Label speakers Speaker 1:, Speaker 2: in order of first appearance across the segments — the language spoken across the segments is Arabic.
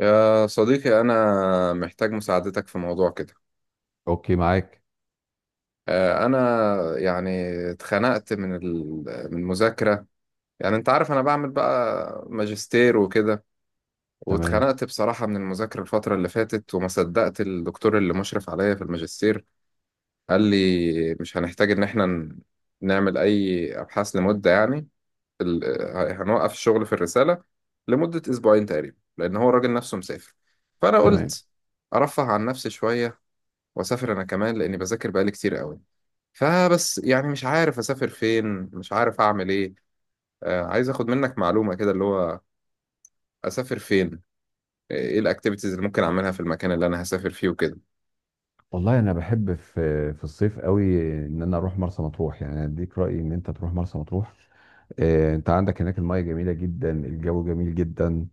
Speaker 1: يا صديقي أنا محتاج مساعدتك في موضوع كده.
Speaker 2: اوكي معاك.
Speaker 1: أنا يعني اتخنقت من ال- من المذاكرة. يعني أنت عارف أنا بعمل بقى ماجستير وكده،
Speaker 2: تمام.
Speaker 1: واتخنقت بصراحة من المذاكرة الفترة اللي فاتت، وما صدقت الدكتور اللي مشرف عليا في الماجستير قال لي مش هنحتاج إن إحنا نعمل أي أبحاث لمدة يعني هنوقف الشغل في الرسالة لمدة أسبوعين تقريبا، لأن هو الراجل نفسه مسافر. فأنا
Speaker 2: تمام
Speaker 1: قلت أرفه عن نفسي شوية واسافر انا كمان، لاني بذاكر بقالي كتير قوي. فبس يعني مش عارف اسافر فين، مش عارف اعمل ايه. آه، عايز اخد منك معلومة كده، اللي هو اسافر فين، ايه الاكتيفيتيز اللي ممكن اعملها في المكان اللي انا هسافر فيه وكده.
Speaker 2: والله انا بحب في الصيف قوي ان انا اروح مرسى مطروح، يعني أنا اديك رايي ان انت تروح مرسى مطروح. انت عندك هناك المياه جميله جدا، الجو جميل جدا.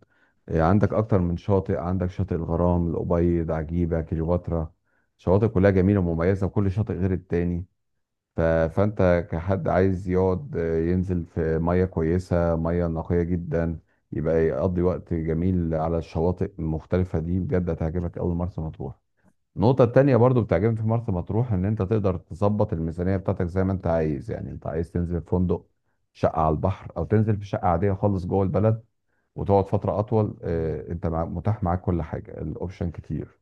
Speaker 2: عندك اكتر من شاطئ، عندك شاطئ الغرام، الابيض، عجيبه، كليوباترا، شواطئ كلها جميله ومميزه وكل شاطئ غير التاني. فانت كحد عايز يقعد ينزل في ميه كويسه، ميه نقيه جدا، يبقى يقضي وقت جميل على الشواطئ المختلفه دي. بجد هتعجبك قوي مرسى مطروح. النقطه التانية برضو بتعجبني في مرسى مطروح ان انت تقدر تظبط الميزانيه بتاعتك زي ما انت عايز، يعني انت عايز تنزل في فندق شقه على البحر او تنزل في شقه عاديه خالص جوه البلد وتقعد فتره اطول، انت متاح معاك كل حاجه، الاوبشن كتير.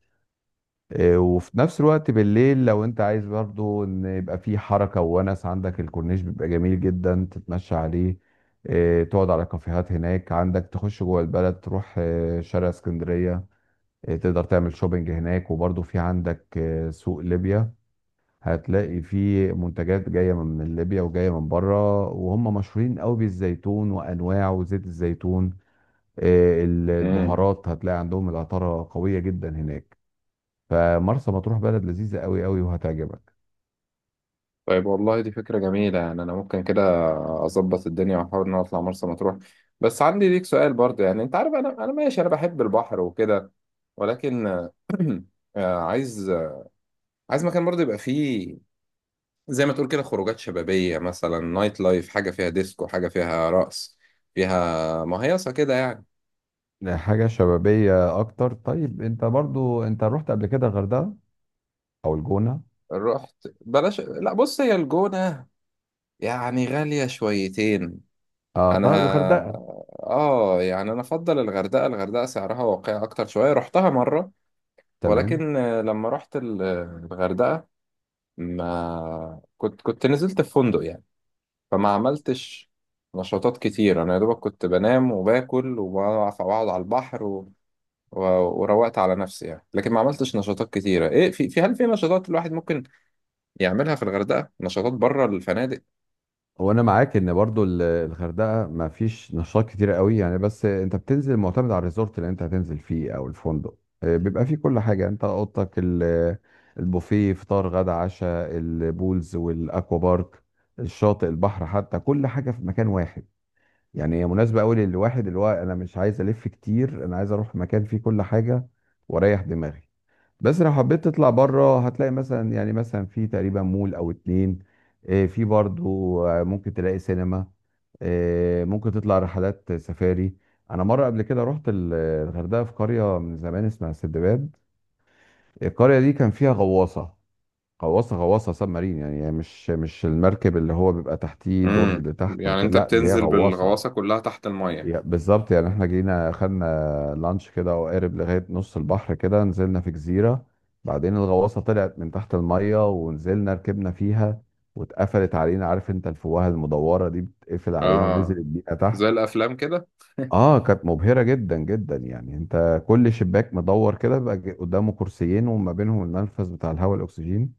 Speaker 2: وفي نفس الوقت بالليل لو انت عايز برضو ان يبقى في حركة وونس، عندك الكورنيش بيبقى جميل جدا تتمشى عليه، تقعد على كافيهات هناك، عندك تخش جوه البلد تروح شارع اسكندرية، تقدر تعمل شوبينج هناك، وبرضو في عندك سوق ليبيا، هتلاقي فيه منتجات جاية من ليبيا وجاية من بره، وهم مشهورين قوي بالزيتون وأنواعه وزيت الزيتون،
Speaker 1: امم،
Speaker 2: البهارات، هتلاقي عندهم العطارة قوية جدا هناك. فمرسى مطروح بلد لذيذة قوي قوي وهتعجبك.
Speaker 1: طيب والله دي فكرة جميلة، يعني انا ممكن كده اظبط الدنيا واحاول ان أنا اطلع مرسى مطروح. بس عندي ليك سؤال برضه، يعني انت عارف انا ماشي، انا بحب البحر وكده، ولكن آه، عايز عايز مكان برضه يبقى فيه زي ما تقول كده خروجات شبابية، مثلا نايت لايف، حاجة فيها ديسكو، حاجة فيها رقص، فيها مهيصة كده يعني.
Speaker 2: حاجة شبابية أكتر؟ طيب أنت برضو أنت رحت قبل كده الغردقة أو الجونة؟
Speaker 1: رحت؟ بلاش، لا بص هي الجونة يعني غالية شويتين.
Speaker 2: أه،
Speaker 1: انا
Speaker 2: طيب الغردقة.
Speaker 1: اه يعني انا افضل الغردقة، الغردقة سعرها واقعي اكتر شوية، رحتها مرة.
Speaker 2: تمام.
Speaker 1: ولكن لما رحت الغردقة ما كنت كنت نزلت في فندق يعني، فما عملتش نشاطات كتير. انا يا دوبك كنت بنام وباكل وبقعد على البحر، وروقت على نفسي يعني. لكن ما عملتش نشاطات كتيرة. ايه، في هل في نشاطات الواحد ممكن يعملها في الغردقة، نشاطات بره الفنادق؟
Speaker 2: وأنا معاك إن برضو الغردقة ما فيش نشاط كتير قوي يعني، بس أنت بتنزل معتمد على الريزورت اللي أنت هتنزل فيه أو الفندق، بيبقى فيه كل حاجة، أنت أوضتك البوفيه، فطار غدا عشاء، البولز والأكوا بارك، الشاطئ، البحر، حتى كل حاجة في مكان واحد. يعني هي مناسبة أوي للواحد اللي هو أنا مش عايز ألف كتير، أنا عايز أروح مكان فيه كل حاجة وأريح دماغي. بس لو حبيت تطلع بره هتلاقي مثلا، يعني مثلا في تقريبا مول أو اتنين، في برضو، ممكن تلاقي سينما، ممكن تطلع رحلات سفاري. أنا مرة قبل كده رحت الغردقة في قرية من زمان اسمها سندباد، القرية دي كان فيها غواصة، غواصة، سب مارين، يعني مش المركب اللي هو بيبقى تحتيه دور
Speaker 1: امم،
Speaker 2: لتحت
Speaker 1: يعني
Speaker 2: وك...
Speaker 1: انت
Speaker 2: لا، دي هي
Speaker 1: بتنزل
Speaker 2: غواصة.
Speaker 1: بالغواصه كلها تحت الميه؟
Speaker 2: بالظبط، يعني احنا جينا خدنا لانش كده وقارب لغاية نص البحر كده، نزلنا في جزيرة، بعدين الغواصة طلعت من تحت المية ونزلنا ركبنا فيها، واتقفلت علينا، عارف انت الفوهة المدورة دي بتقفل علينا
Speaker 1: اه،
Speaker 2: ونزلت بينا تحت.
Speaker 1: زي الافلام كده.
Speaker 2: اه، كانت مبهرة جدا جدا، يعني انت كل شباك مدور كده بيبقى قدامه كرسيين، وما بينهم المنفذ بتاع الهواء الاكسجين،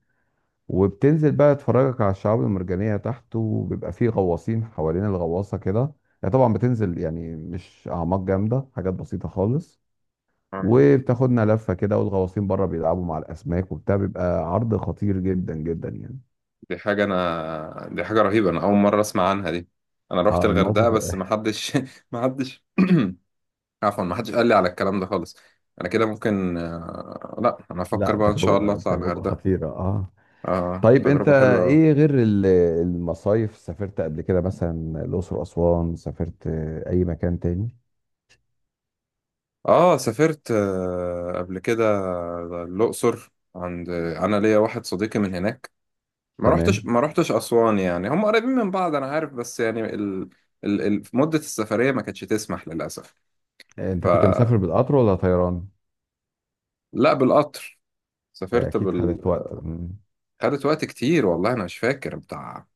Speaker 2: وبتنزل بقى تفرجك على الشعاب المرجانية تحت، وبيبقى فيه غواصين حوالين الغواصة كده. يعني طبعا بتنزل، يعني مش أعماق جامدة، حاجات بسيطة خالص،
Speaker 1: اه،
Speaker 2: وبتاخدنا لفة كده والغواصين بره بيلعبوا مع الأسماك وبتاع، بيبقى عرض خطير جدا جدا يعني.
Speaker 1: دي حاجه رهيبه، انا اول مره اسمع عنها دي. انا رحت
Speaker 2: اه،
Speaker 1: الغردقه
Speaker 2: الموقف
Speaker 1: بس ما حدش ما حدش عفوا، ما حدش قال لي على الكلام ده خالص. انا كده ممكن لا، انا افكر
Speaker 2: لا،
Speaker 1: بقى ان شاء الله
Speaker 2: تجربة،
Speaker 1: اطلع
Speaker 2: تجربة
Speaker 1: الغردقه.
Speaker 2: خطيرة اه.
Speaker 1: اه،
Speaker 2: طيب انت
Speaker 1: تجربه حلوه أوي.
Speaker 2: ايه غير المصايف؟ سافرت قبل كده مثلا الأقصر، أسوان، سافرت أي مكان تاني؟
Speaker 1: اه سافرت قبل كده الأقصر، عند انا ليا واحد صديقي من هناك. ما رحتش
Speaker 2: تمام.
Speaker 1: ما رحتش أسوان، يعني هم قريبين من بعض انا عارف، بس يعني مدة السفرية ما كانتش تسمح للأسف.
Speaker 2: انت كنت
Speaker 1: فلا،
Speaker 2: مسافر بالقطر ولا طيران؟
Speaker 1: بالقطر. سافرت
Speaker 2: اكيد
Speaker 1: بال…
Speaker 2: خدت وقت. مم.
Speaker 1: خدت وقت كتير، والله انا مش فاكر بتاع،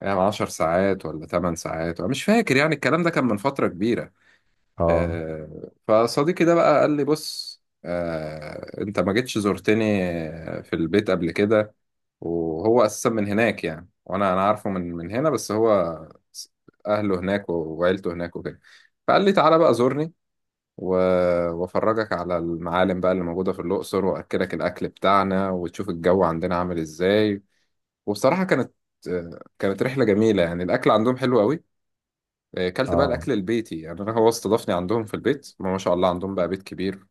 Speaker 1: يعني 10 ساعات ولا 8 ساعات، انا مش فاكر، يعني الكلام ده كان من فترة كبيرة.
Speaker 2: اه.
Speaker 1: فصديقي ده بقى قال لي بص، انت ما جيتش زرتني في البيت قبل كده. وهو اساسا من هناك يعني، وانا انا عارفه من هنا، بس هو س- اهله هناك وعيلته هناك وكده. فقال لي تعالى بقى زورني و… وافرجك على المعالم بقى اللي موجوده في الاقصر، واكلك الاكل بتاعنا، وتشوف الجو عندنا عامل ازاي. وبصراحه كانت آه، كانت رحله جميله، يعني الاكل عندهم حلو قوي. كلت بقى
Speaker 2: اه.
Speaker 1: الاكل البيتي، يعني انا هو استضافني عندهم في البيت، ما شاء الله عندهم بقى بيت كبير،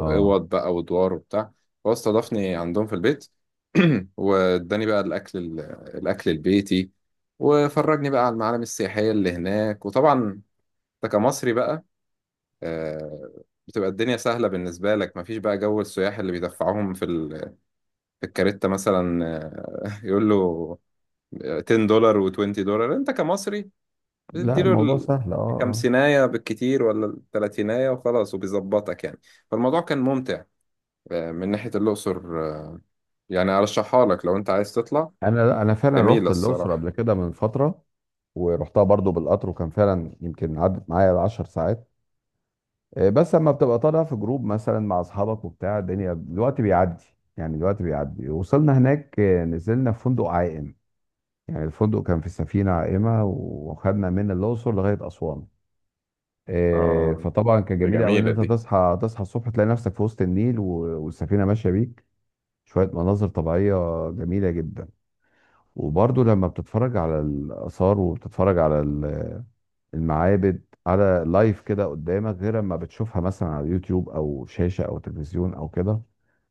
Speaker 2: اه.
Speaker 1: بقى ودوار وبتاع. هو استضافني عندهم في البيت، واداني بقى الاكل البيتي، وفرجني بقى على المعالم السياحيه اللي هناك. وطبعا انت كمصري بقى آه، بتبقى الدنيا سهله بالنسبه لك، مفيش بقى جو السياح اللي بيدفعوهم في في الكارته مثلا. يقول له 10 دولار و20 دولار، انت كمصري
Speaker 2: لا،
Speaker 1: بتديله
Speaker 2: الموضوع سهل اه اه.
Speaker 1: الخمسيناية بالكتير ولا التلاتيناية وخلاص، وبيظبطك يعني. فالموضوع كان ممتع من ناحية الأقصر. آه، يعني أرشحها لك لو أنت عايز تطلع.
Speaker 2: انا انا فعلا
Speaker 1: جميلة
Speaker 2: رحت الاقصر
Speaker 1: الصراحة.
Speaker 2: قبل كده من فتره، ورحتها برضو بالقطر، وكان فعلا يمكن عدت معايا 10 ساعات، بس لما بتبقى طالع في جروب مثلا مع اصحابك وبتاع، الدنيا الوقت بيعدي، يعني الوقت بيعدي. وصلنا هناك، نزلنا في فندق عائم، يعني الفندق كان في سفينه عائمه، وخدنا من الاقصر لغايه اسوان.
Speaker 1: آه
Speaker 2: فطبعا كان
Speaker 1: دي
Speaker 2: جميل قوي ان
Speaker 1: جميلة
Speaker 2: انت
Speaker 1: دي.
Speaker 2: تصحى، تصحى الصبح تلاقي نفسك في وسط النيل، والسفينه ماشيه بيك، شويه مناظر طبيعيه جميله جدا. وبرضه لما بتتفرج على الاثار، وبتتفرج على المعابد على لايف كده قدامك، غير لما بتشوفها مثلا على يوتيوب او شاشه او تلفزيون او كده،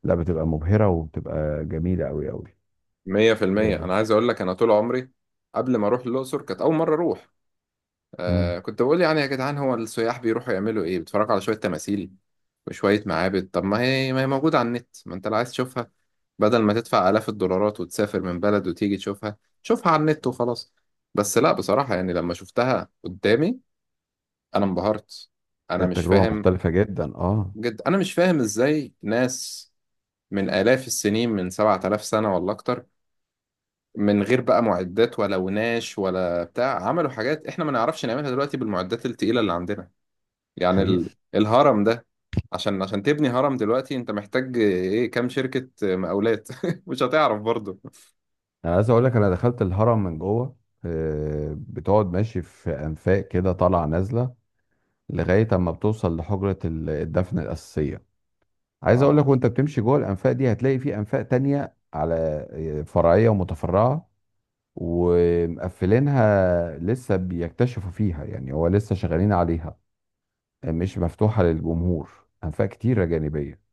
Speaker 2: لا، بتبقى مبهره وبتبقى جميله قوي قوي.
Speaker 1: مية في المية.
Speaker 2: آه،
Speaker 1: أنا عايز أقول لك، أنا طول عمري قبل ما أروح الأقصر، كانت أول مرة أروح،
Speaker 2: مم.
Speaker 1: آه كنت بقول يعني يا جدعان هو السياح بيروحوا يعملوا ايه، بيتفرجوا على شوية تماثيل وشوية معابد، طب ما هي موجودة على النت، ما انت اللي عايز تشوفها بدل ما تدفع آلاف الدولارات وتسافر من بلد وتيجي تشوفها، شوفها على النت وخلاص. بس لا بصراحة يعني لما شفتها قدامي انا انبهرت، انا مش
Speaker 2: التجربه
Speaker 1: فاهم.
Speaker 2: مختلفه جدا اه.
Speaker 1: جد انا مش فاهم ازاي ناس من آلاف السنين، من 7,000 سنة ولا اكتر، من غير بقى معدات ولا وناش ولا بتاع، عملوا حاجات احنا ما نعرفش نعملها دلوقتي بالمعدات التقيلة اللي عندنا. يعني
Speaker 2: حقيقه.
Speaker 1: الهرم ده، عشان تبني هرم دلوقتي انت محتاج ايه، كام شركة مقاولات؟ مش هتعرف برضو.
Speaker 2: انا عايز اقول لك انا دخلت الهرم من جوه، بتقعد ماشي في انفاق كده طالعه نازله لغايه اما بتوصل لحجره الدفن الاساسيه. عايز اقول لك
Speaker 1: اه
Speaker 2: وانت بتمشي جوه الانفاق دي هتلاقي في انفاق تانية على فرعيه ومتفرعه، ومقفلينها لسه، بيكتشفوا فيها يعني، هو لسه شغالين عليها، مش مفتوحه للجمهور، انفاق كتيره جانبيه،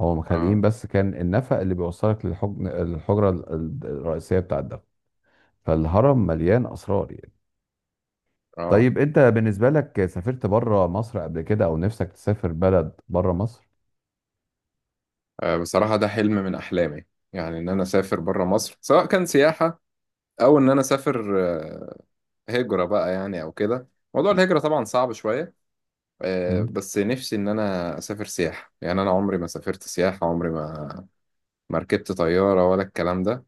Speaker 2: هو مخليين
Speaker 1: اه
Speaker 2: بس كان النفق اللي بيوصلك الحجره الرئيسيه بتاع الدفن. فالهرم مليان اسرار يعني.
Speaker 1: اه.
Speaker 2: طيب انت بالنسبة لك سافرت بره مصر قبل كده، او نفسك تسافر بلد بره مصر؟
Speaker 1: بصراحة ده حلم من احلامي، يعني ان انا اسافر بره مصر سواء كان سياحة او ان انا اسافر هجرة بقى يعني او كده. موضوع الهجرة طبعا صعب شوية.
Speaker 2: امم.
Speaker 1: بس نفسي ان انا اسافر سياحة، يعني انا عمري ما سافرت سياحة، عمري ما ما ركبت طيارة ولا الكلام ده.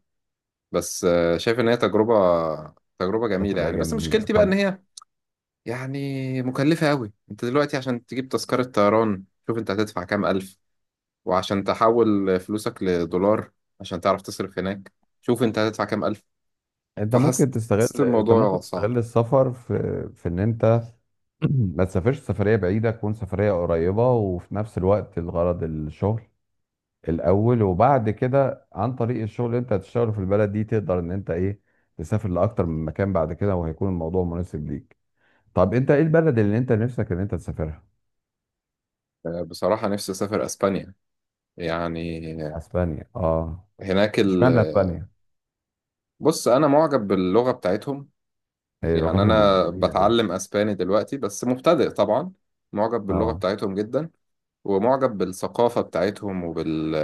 Speaker 1: بس شايف ان هي تجربة، تجربة
Speaker 2: ده
Speaker 1: جميلة
Speaker 2: تبقى
Speaker 1: يعني. بس
Speaker 2: جميلة.
Speaker 1: مشكلتي بقى ان
Speaker 2: طب
Speaker 1: هي يعني مكلفة أوي. أنت دلوقتي عشان تجيب تذكرة طيران، شوف أنت هتدفع كام ألف، وعشان تحول فلوسك لدولار عشان تعرف تصرف هناك، شوف أنت هتدفع كام ألف.
Speaker 2: انت ممكن
Speaker 1: فحسيت
Speaker 2: تستغل، انت ممكن
Speaker 1: الموضوع صعب.
Speaker 2: تستغل السفر في ان انت ما تسافرش سفرية بعيدة، تكون سفرية قريبة وفي نفس الوقت الغرض الشغل الأول، وبعد كده عن طريق الشغل اللي أنت هتشتغله في البلد دي تقدر إن أنت إيه، تسافر لأكتر من مكان بعد كده، وهيكون الموضوع مناسب ليك. طب أنت إيه البلد اللي أنت نفسك إن أنت تسافرها؟
Speaker 1: بصراحة نفسي أسافر أسبانيا، يعني
Speaker 2: أسبانيا، آه.
Speaker 1: هناك ال…
Speaker 2: إشمعنى أسبانيا؟
Speaker 1: بص أنا معجب باللغة بتاعتهم، يعني
Speaker 2: لغتهم
Speaker 1: أنا
Speaker 2: جميلة أوي.
Speaker 1: بتعلم أسباني دلوقتي بس مبتدئ طبعا. معجب باللغة
Speaker 2: اه.
Speaker 1: بتاعتهم جدا، ومعجب بالثقافة بتاعتهم وبال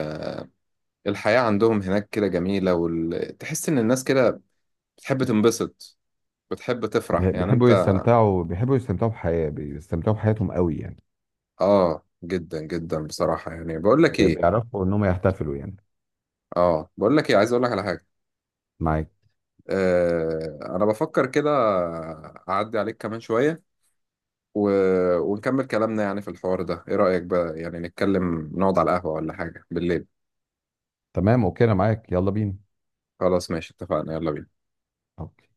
Speaker 1: الحياة عندهم هناك كده جميلة، وال… تحس إن الناس كده بتحب تنبسط، بتحب تفرح يعني.
Speaker 2: بيحبوا
Speaker 1: أنت
Speaker 2: يستمتعوا، بيحبوا يستمتعوا بحياة بيستمتعوا بحياتهم أوي يعني.
Speaker 1: آه جدا جدا بصراحة، يعني بقول لك إيه،
Speaker 2: بيعرفوا إنهم يحتفلوا يعني.
Speaker 1: آه بقول لك إيه، عايز أقول لك على حاجة.
Speaker 2: معاك.
Speaker 1: آه أنا بفكر كده أعدي عليك كمان شوية و… ونكمل كلامنا يعني في الحوار ده. إيه رأيك بقى، يعني نتكلم نقعد على القهوة ولا حاجة بالليل؟
Speaker 2: تمام أوكي، أنا معاك يلا بينا.
Speaker 1: خلاص ماشي اتفقنا، يلا بينا.
Speaker 2: أوكي.